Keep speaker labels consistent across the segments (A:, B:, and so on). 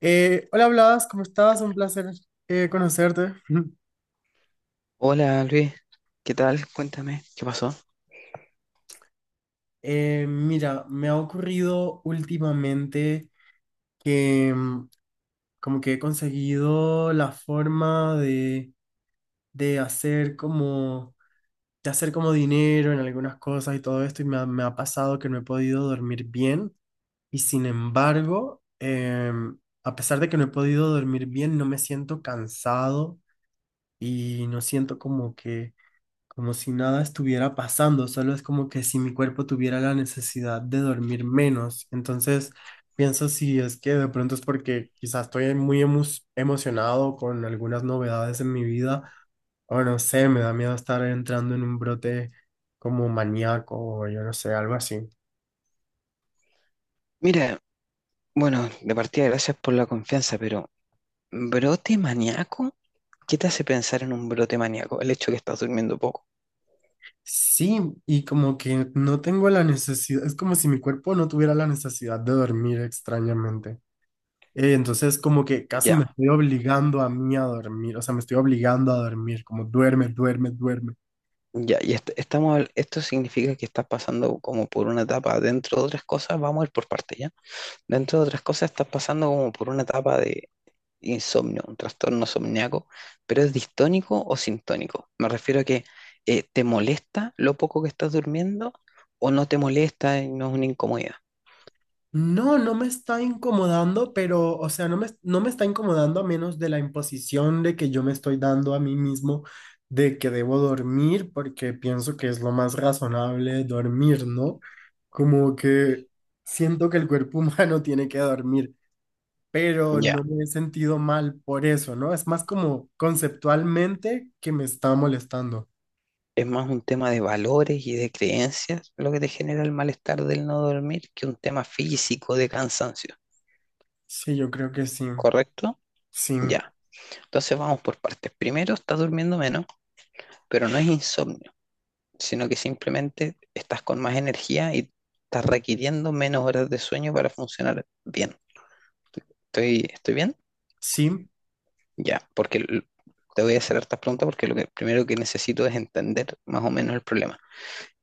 A: Hola Blas, ¿cómo estás? Un placer conocerte.
B: Hola Luis, ¿qué tal? Cuéntame, ¿qué pasó?
A: Mira, me ha ocurrido últimamente que como que he conseguido la forma de hacer como de hacer como dinero en algunas cosas y todo esto y me ha pasado que no he podido dormir bien y sin embargo, a pesar de que no he podido dormir bien, no me siento cansado y no siento como que como si nada estuviera pasando, solo es como que si mi cuerpo tuviera la necesidad de dormir menos. Entonces, pienso si es que de pronto es porque quizás estoy emocionado con algunas novedades en mi vida, o no sé, me da miedo estar entrando en un brote como maníaco o yo no sé, algo así.
B: Mira, bueno, de partida gracias por la confianza, pero ¿brote maníaco? ¿Qué te hace pensar en un brote maníaco? El hecho de que estás durmiendo poco.
A: Sí, y como que no tengo la necesidad, es como si mi cuerpo no tuviera la necesidad de dormir extrañamente. Entonces como que casi
B: Ya,
A: me estoy obligando a mí a dormir, o sea, me estoy obligando a dormir, como duerme, duerme, duerme.
B: ya, y estamos, esto significa que estás pasando como por una etapa, dentro de otras cosas, vamos a ir por parte, ¿ya? Dentro de otras cosas estás pasando como por una etapa insomnio, un trastorno somníaco, pero es distónico o sintónico. Me refiero a que te molesta lo poco que estás durmiendo o no te molesta y no es una incomodidad.
A: No, no me está incomodando, pero, o sea, no me está incomodando a menos de la imposición de que yo me estoy dando a mí mismo de que debo dormir, porque pienso que es lo más razonable dormir, ¿no? Como que siento que el cuerpo humano tiene que dormir, pero
B: Ya,
A: no me he sentido mal por eso, ¿no? Es más como conceptualmente que me está molestando.
B: es más un tema de valores y de creencias lo que te genera el malestar del no dormir que un tema físico de cansancio,
A: Sí, yo creo que sí,
B: ¿correcto?
A: sí,
B: Ya, entonces vamos por partes. Primero, estás durmiendo menos, pero no es insomnio, sino que simplemente estás con más energía y estás requiriendo menos horas de sueño para funcionar bien. ¿Estoy bien?
A: sí.
B: Ya, porque te voy a hacer hartas preguntas porque lo que, primero que necesito es entender más o menos el problema.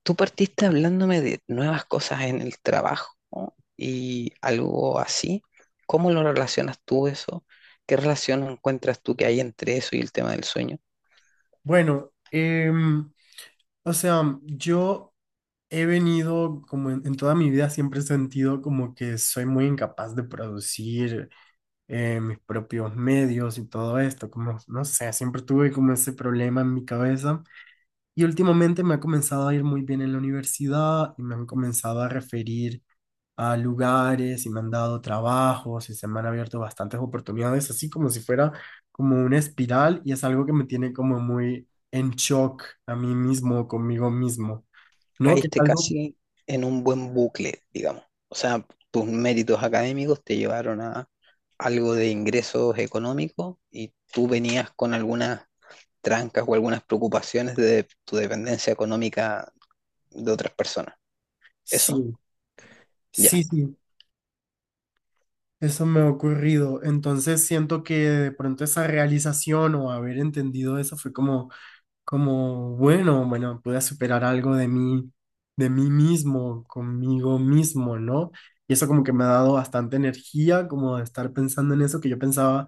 B: Tú partiste hablándome de nuevas cosas en el trabajo, ¿no?, y algo así. ¿Cómo lo relacionas tú eso? ¿Qué relación encuentras tú que hay entre eso y el tema del sueño?
A: Bueno, o sea, yo he venido como en toda mi vida siempre he sentido como que soy muy incapaz de producir mis propios medios y todo esto, como, no sé, siempre tuve como ese problema en mi cabeza y últimamente me ha comenzado a ir muy bien en la universidad y me han comenzado a referir a lugares y me han dado trabajos y se me han abierto bastantes oportunidades, así como si fuera como una espiral y es algo que me tiene como muy en shock a mí mismo, conmigo mismo, ¿no? Que es
B: Caíste
A: algo,
B: casi en un buen bucle, digamos. O sea, tus méritos académicos te llevaron a algo de ingresos económicos y tú venías con algunas trancas o algunas preocupaciones de tu dependencia económica de otras personas. ¿Eso?
A: sí,
B: Ya.
A: sí, sí, eso me ha ocurrido. Entonces siento que de pronto esa realización o haber entendido eso fue como como, bueno, bueno, pude superar algo de mí mismo, conmigo mismo, ¿no? Y eso como que me ha dado bastante energía, como de estar pensando en eso que yo pensaba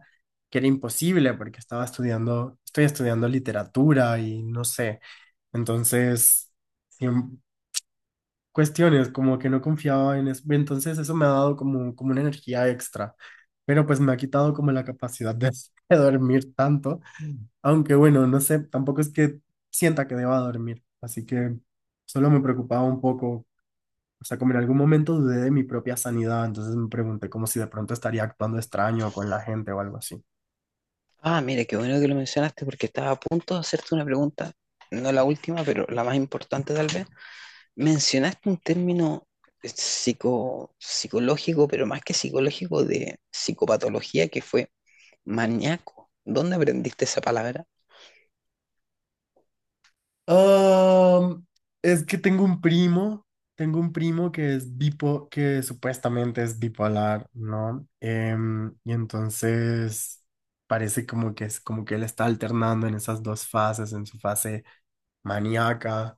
A: que era imposible, porque estaba estudiando, estoy estudiando literatura y no sé. Entonces, siem- cuestiones como que no confiaba en eso. Entonces eso me ha dado como, como una energía extra, pero pues me ha quitado como la capacidad de de dormir tanto. Aunque bueno, no sé, tampoco es que sienta que deba dormir, así que solo me preocupaba un poco, o sea, como en algún momento dudé de mi propia sanidad, entonces me pregunté como si de pronto estaría actuando extraño con la gente o algo así.
B: Ah, mire, qué bueno que lo mencionaste porque estaba a punto de hacerte una pregunta, no la última, pero la más importante tal vez. Mencionaste un término psico, psicológico, pero más que psicológico, de psicopatología, que fue maníaco. ¿Dónde aprendiste esa palabra?
A: Ah, es que tengo un primo que es que supuestamente es bipolar, ¿no? Y entonces parece como que es como que él está alternando en esas dos fases, en su fase maníaca.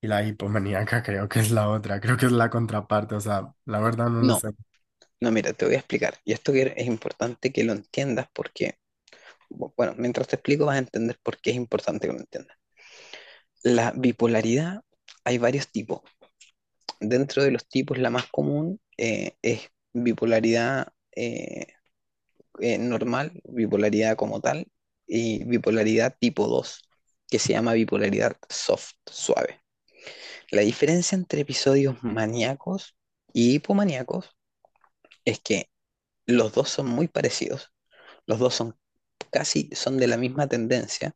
A: Y la hipomaníaca creo que es la otra, creo que es la contraparte, o sea, la verdad no lo
B: No,
A: sé.
B: no, mira, te voy a explicar. Y esto que es importante que lo entiendas porque, bueno, mientras te explico vas a entender por qué es importante que lo entiendas. La bipolaridad, hay varios tipos. Dentro de los tipos, la más común es bipolaridad normal, bipolaridad como tal, y bipolaridad tipo 2 que se llama bipolaridad soft, suave. La diferencia entre episodios maníacos y hipomaníacos es que los dos son muy parecidos, los dos son casi, son de la misma tendencia,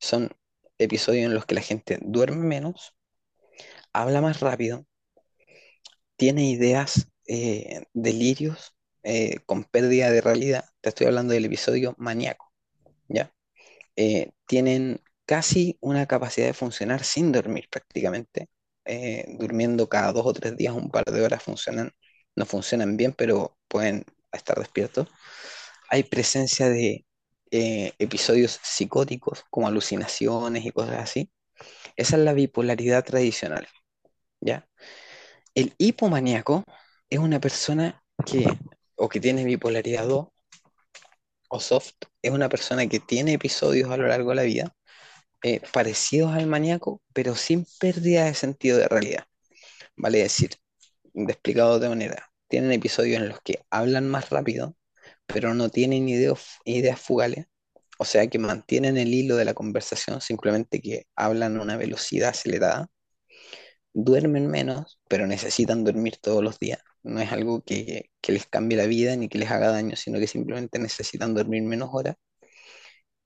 B: son episodios en los que la gente duerme menos, habla más rápido, tiene ideas, delirios con pérdida de realidad. Te estoy hablando del episodio maníaco, ¿ya? Tienen casi una capacidad de funcionar sin dormir prácticamente. Durmiendo cada dos o tres días un par de horas funcionan, no funcionan bien, pero pueden estar despiertos. Hay presencia de episodios psicóticos como alucinaciones y cosas así. Esa es la bipolaridad tradicional, ¿ya? El hipomaníaco es una persona que, o que tiene bipolaridad 2 o soft, es una persona que tiene episodios a lo largo de la vida parecidos al maníaco, pero sin pérdida de sentido de realidad. Vale decir, de explicado de otra manera, tienen episodios en los que hablan más rápido, pero no tienen ideas fugales, o sea que mantienen el hilo de la conversación, simplemente que hablan a una velocidad acelerada, duermen menos, pero necesitan dormir todos los días. No es algo que les cambie la vida ni que les haga daño, sino que simplemente necesitan dormir menos horas.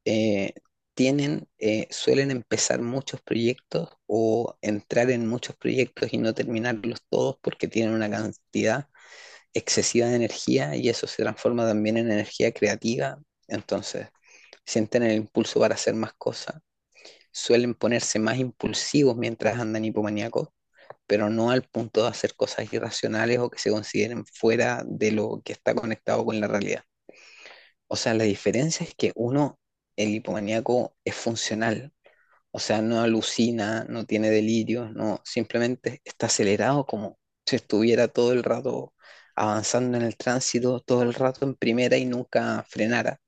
B: Eh, tienen, suelen empezar muchos proyectos o entrar en muchos proyectos y no terminarlos todos porque tienen una cantidad excesiva de energía y eso se transforma también en energía creativa. Entonces, sienten el impulso para hacer más cosas. Suelen ponerse más impulsivos mientras andan hipomaníacos, pero no al punto de hacer cosas irracionales o que se consideren fuera de lo que está conectado con la realidad. O sea, la diferencia es que uno, el hipomaníaco, es funcional. O sea, no alucina, no tiene delirios, no, simplemente está acelerado como si estuviera todo el rato avanzando en el tránsito, todo el rato en primera y nunca frenara.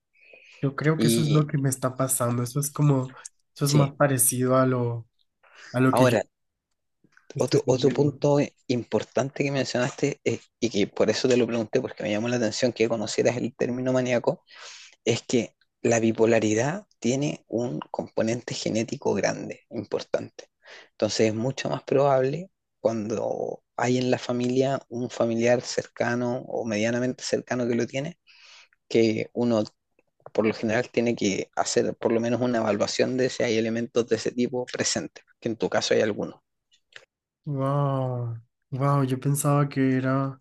A: Yo creo que eso es lo
B: Y
A: que me está pasando, eso es como, eso es más
B: sí,
A: parecido a lo que yo
B: ahora
A: estoy
B: otro, otro
A: sintiendo.
B: punto importante que mencionaste, y que por eso te lo pregunté, porque me llamó la atención que conocieras el término maníaco, es que la bipolaridad tiene un componente genético grande, importante. Entonces es mucho más probable cuando hay en la familia un familiar cercano o medianamente cercano que lo tiene, que uno por lo general tiene que hacer por lo menos una evaluación de si hay elementos de ese tipo presentes, que en tu caso hay algunos.
A: Wow, wow, yo pensaba que era,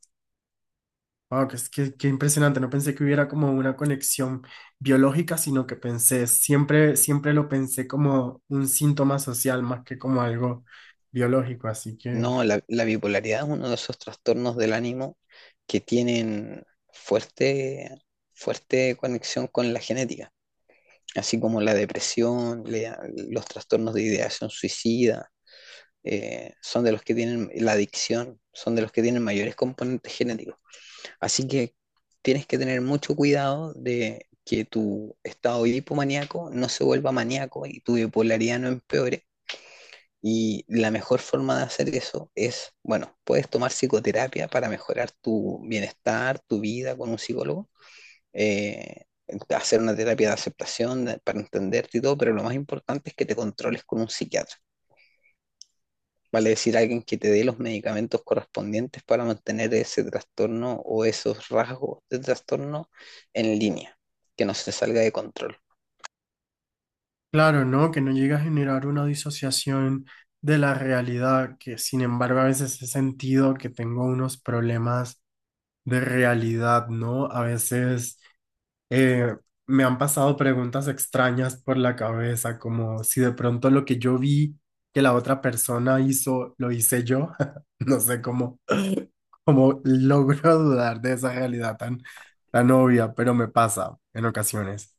A: wow, que impresionante, no pensé que hubiera como una conexión biológica, sino que pensé, siempre, siempre lo pensé como un síntoma social más que como algo biológico, así que...
B: No, la bipolaridad es uno de esos trastornos del ánimo que tienen fuerte, fuerte conexión con la genética, así como la depresión, los trastornos de ideación suicida, son de los que tienen la adicción, son de los que tienen mayores componentes genéticos. Así que tienes que tener mucho cuidado de que tu estado hipomaníaco no se vuelva maníaco y tu bipolaridad no empeore, y la mejor forma de hacer eso es, bueno, puedes tomar psicoterapia para mejorar tu bienestar, tu vida con un psicólogo, eh, hacer una terapia de aceptación para entenderte y todo, pero lo más importante es que te controles con un psiquiatra. Vale decir, alguien que te dé los medicamentos correspondientes para mantener ese trastorno o esos rasgos de trastorno en línea, que no se salga de control.
A: Claro, ¿no? Que no llega a generar una disociación de la realidad, que sin embargo a veces he sentido que tengo unos problemas de realidad, ¿no? A veces eh, me han pasado preguntas extrañas por la cabeza, como si de pronto lo que yo vi que la otra persona hizo, lo hice yo. No sé cómo como logro dudar de esa realidad tan, tan obvia, pero me pasa en ocasiones.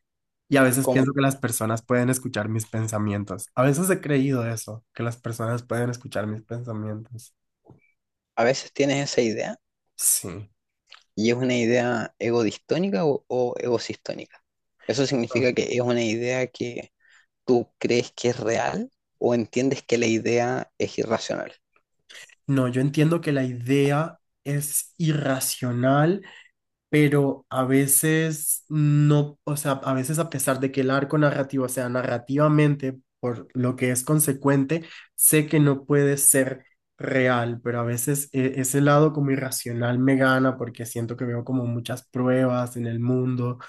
A: Y a veces pienso
B: Como
A: que las personas pueden escuchar mis pensamientos. A veces he creído eso, que las personas pueden escuchar mis pensamientos.
B: a veces tienes esa idea,
A: Sí.
B: ¿y es una idea egodistónica o egosistónica? ¿Eso
A: No,
B: significa que es una idea que tú crees que es real o entiendes que la idea es irracional?
A: no, yo entiendo que la idea es irracional pero a veces no, o sea, a veces a pesar de que el arco narrativo sea narrativamente, por lo que es consecuente, sé que no puede ser real, pero a veces ese lado como irracional me gana porque siento que veo como muchas pruebas en el mundo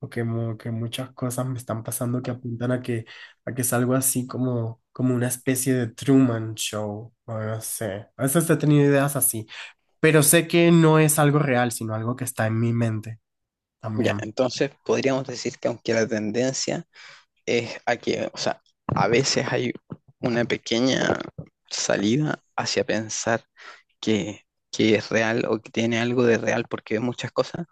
A: que muchas cosas me están pasando que apuntan a que es algo así como, como una especie de Truman Show, o no sé, a veces he tenido ideas así. Pero sé que no es algo real, sino algo que está en mi mente.
B: Ya,
A: También,
B: entonces podríamos decir que aunque la tendencia es a que, o sea, a veces hay una pequeña salida hacia pensar que, que es real o que tiene algo de real porque ves muchas cosas,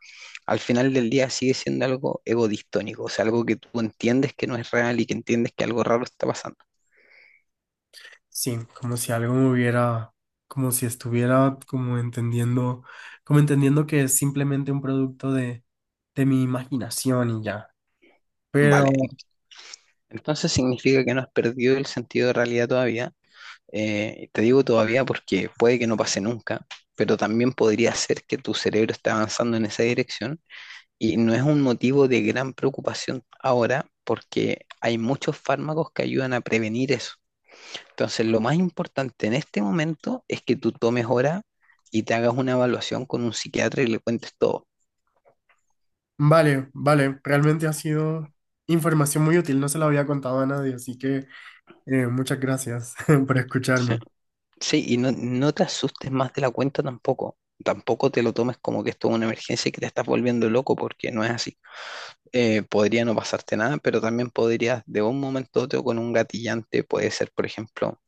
B: al final del día sigue siendo algo egodistónico, o sea, algo que tú entiendes que no es real y que entiendes que algo raro está pasando.
A: sí, como si algo me hubiera, como si estuviera como entendiendo que es simplemente un producto de mi imaginación y ya. Pero
B: Vale, entonces significa que no has perdido el sentido de realidad todavía. Te digo todavía porque puede que no pase nunca, pero también podría ser que tu cerebro esté avanzando en esa dirección y no es un motivo de gran preocupación ahora porque hay muchos fármacos que ayudan a prevenir eso. Entonces, lo más importante en este momento es que tú tomes hora y te hagas una evaluación con un psiquiatra y le cuentes todo.
A: vale, vale, realmente ha sido información muy útil, no se la había contado a nadie, así que muchas gracias por
B: ¿Sí?
A: escucharme.
B: Sí, y no, no te asustes más de la cuenta tampoco. Tampoco te lo tomes como que esto es una emergencia y que te estás volviendo loco, porque no es así. Podría no pasarte nada, pero también podrías, de un momento a otro, con un gatillante, puede ser, por ejemplo,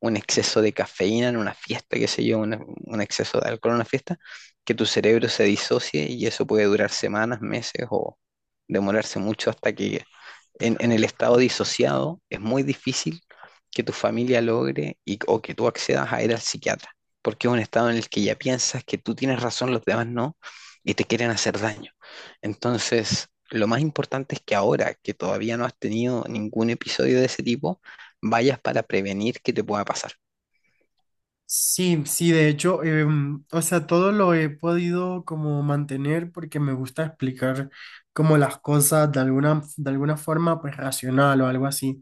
B: un exceso de cafeína en una fiesta, qué sé yo, un exceso de alcohol en una fiesta, que tu cerebro se disocie y eso puede durar semanas, meses o demorarse mucho hasta que en el estado disociado, es muy difícil que tu familia logre y, o que tú accedas a ir al psiquiatra, porque es un estado en el que ya piensas que tú tienes razón, los demás no, y te quieren hacer daño. Entonces, lo más importante es que ahora que todavía no has tenido ningún episodio de ese tipo, vayas para prevenir que te pueda pasar.
A: Sí, sí, de hecho, o sea, todo lo he podido como mantener porque me gusta explicar como las cosas de alguna forma pues racional o algo así.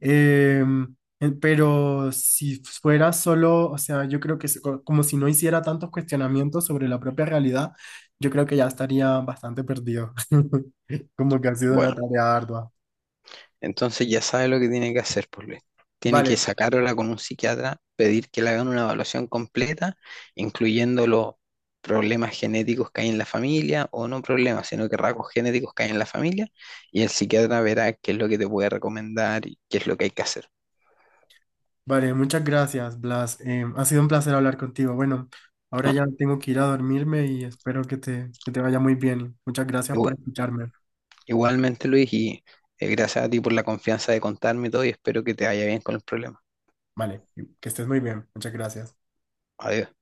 A: Pero si fuera solo, o sea, yo creo que como si no hiciera tantos cuestionamientos sobre la propia realidad, yo creo que ya estaría bastante perdido. Como que ha sido una
B: Bueno,
A: tarea ardua.
B: entonces ya sabe lo que tiene que hacer, pues Luis. Tiene que
A: Vale,
B: sacarla con un psiquiatra, pedir que le hagan una evaluación completa, incluyendo los problemas genéticos que hay en la familia, o no problemas, sino que rasgos genéticos que hay en la familia, y el psiquiatra verá qué es lo que te puede recomendar y qué es lo que hay que hacer.
A: vale, muchas gracias, Blas. Ha sido un placer hablar contigo. Bueno, ahora
B: Ah,
A: ya tengo que ir a dormirme y espero que que te vaya muy bien. Muchas gracias
B: igua-
A: por escucharme.
B: igualmente, Luis, y gracias a ti por la confianza de contarme todo y espero que te vaya bien con el problema.
A: Vale, que estés muy bien. Muchas gracias.
B: Adiós.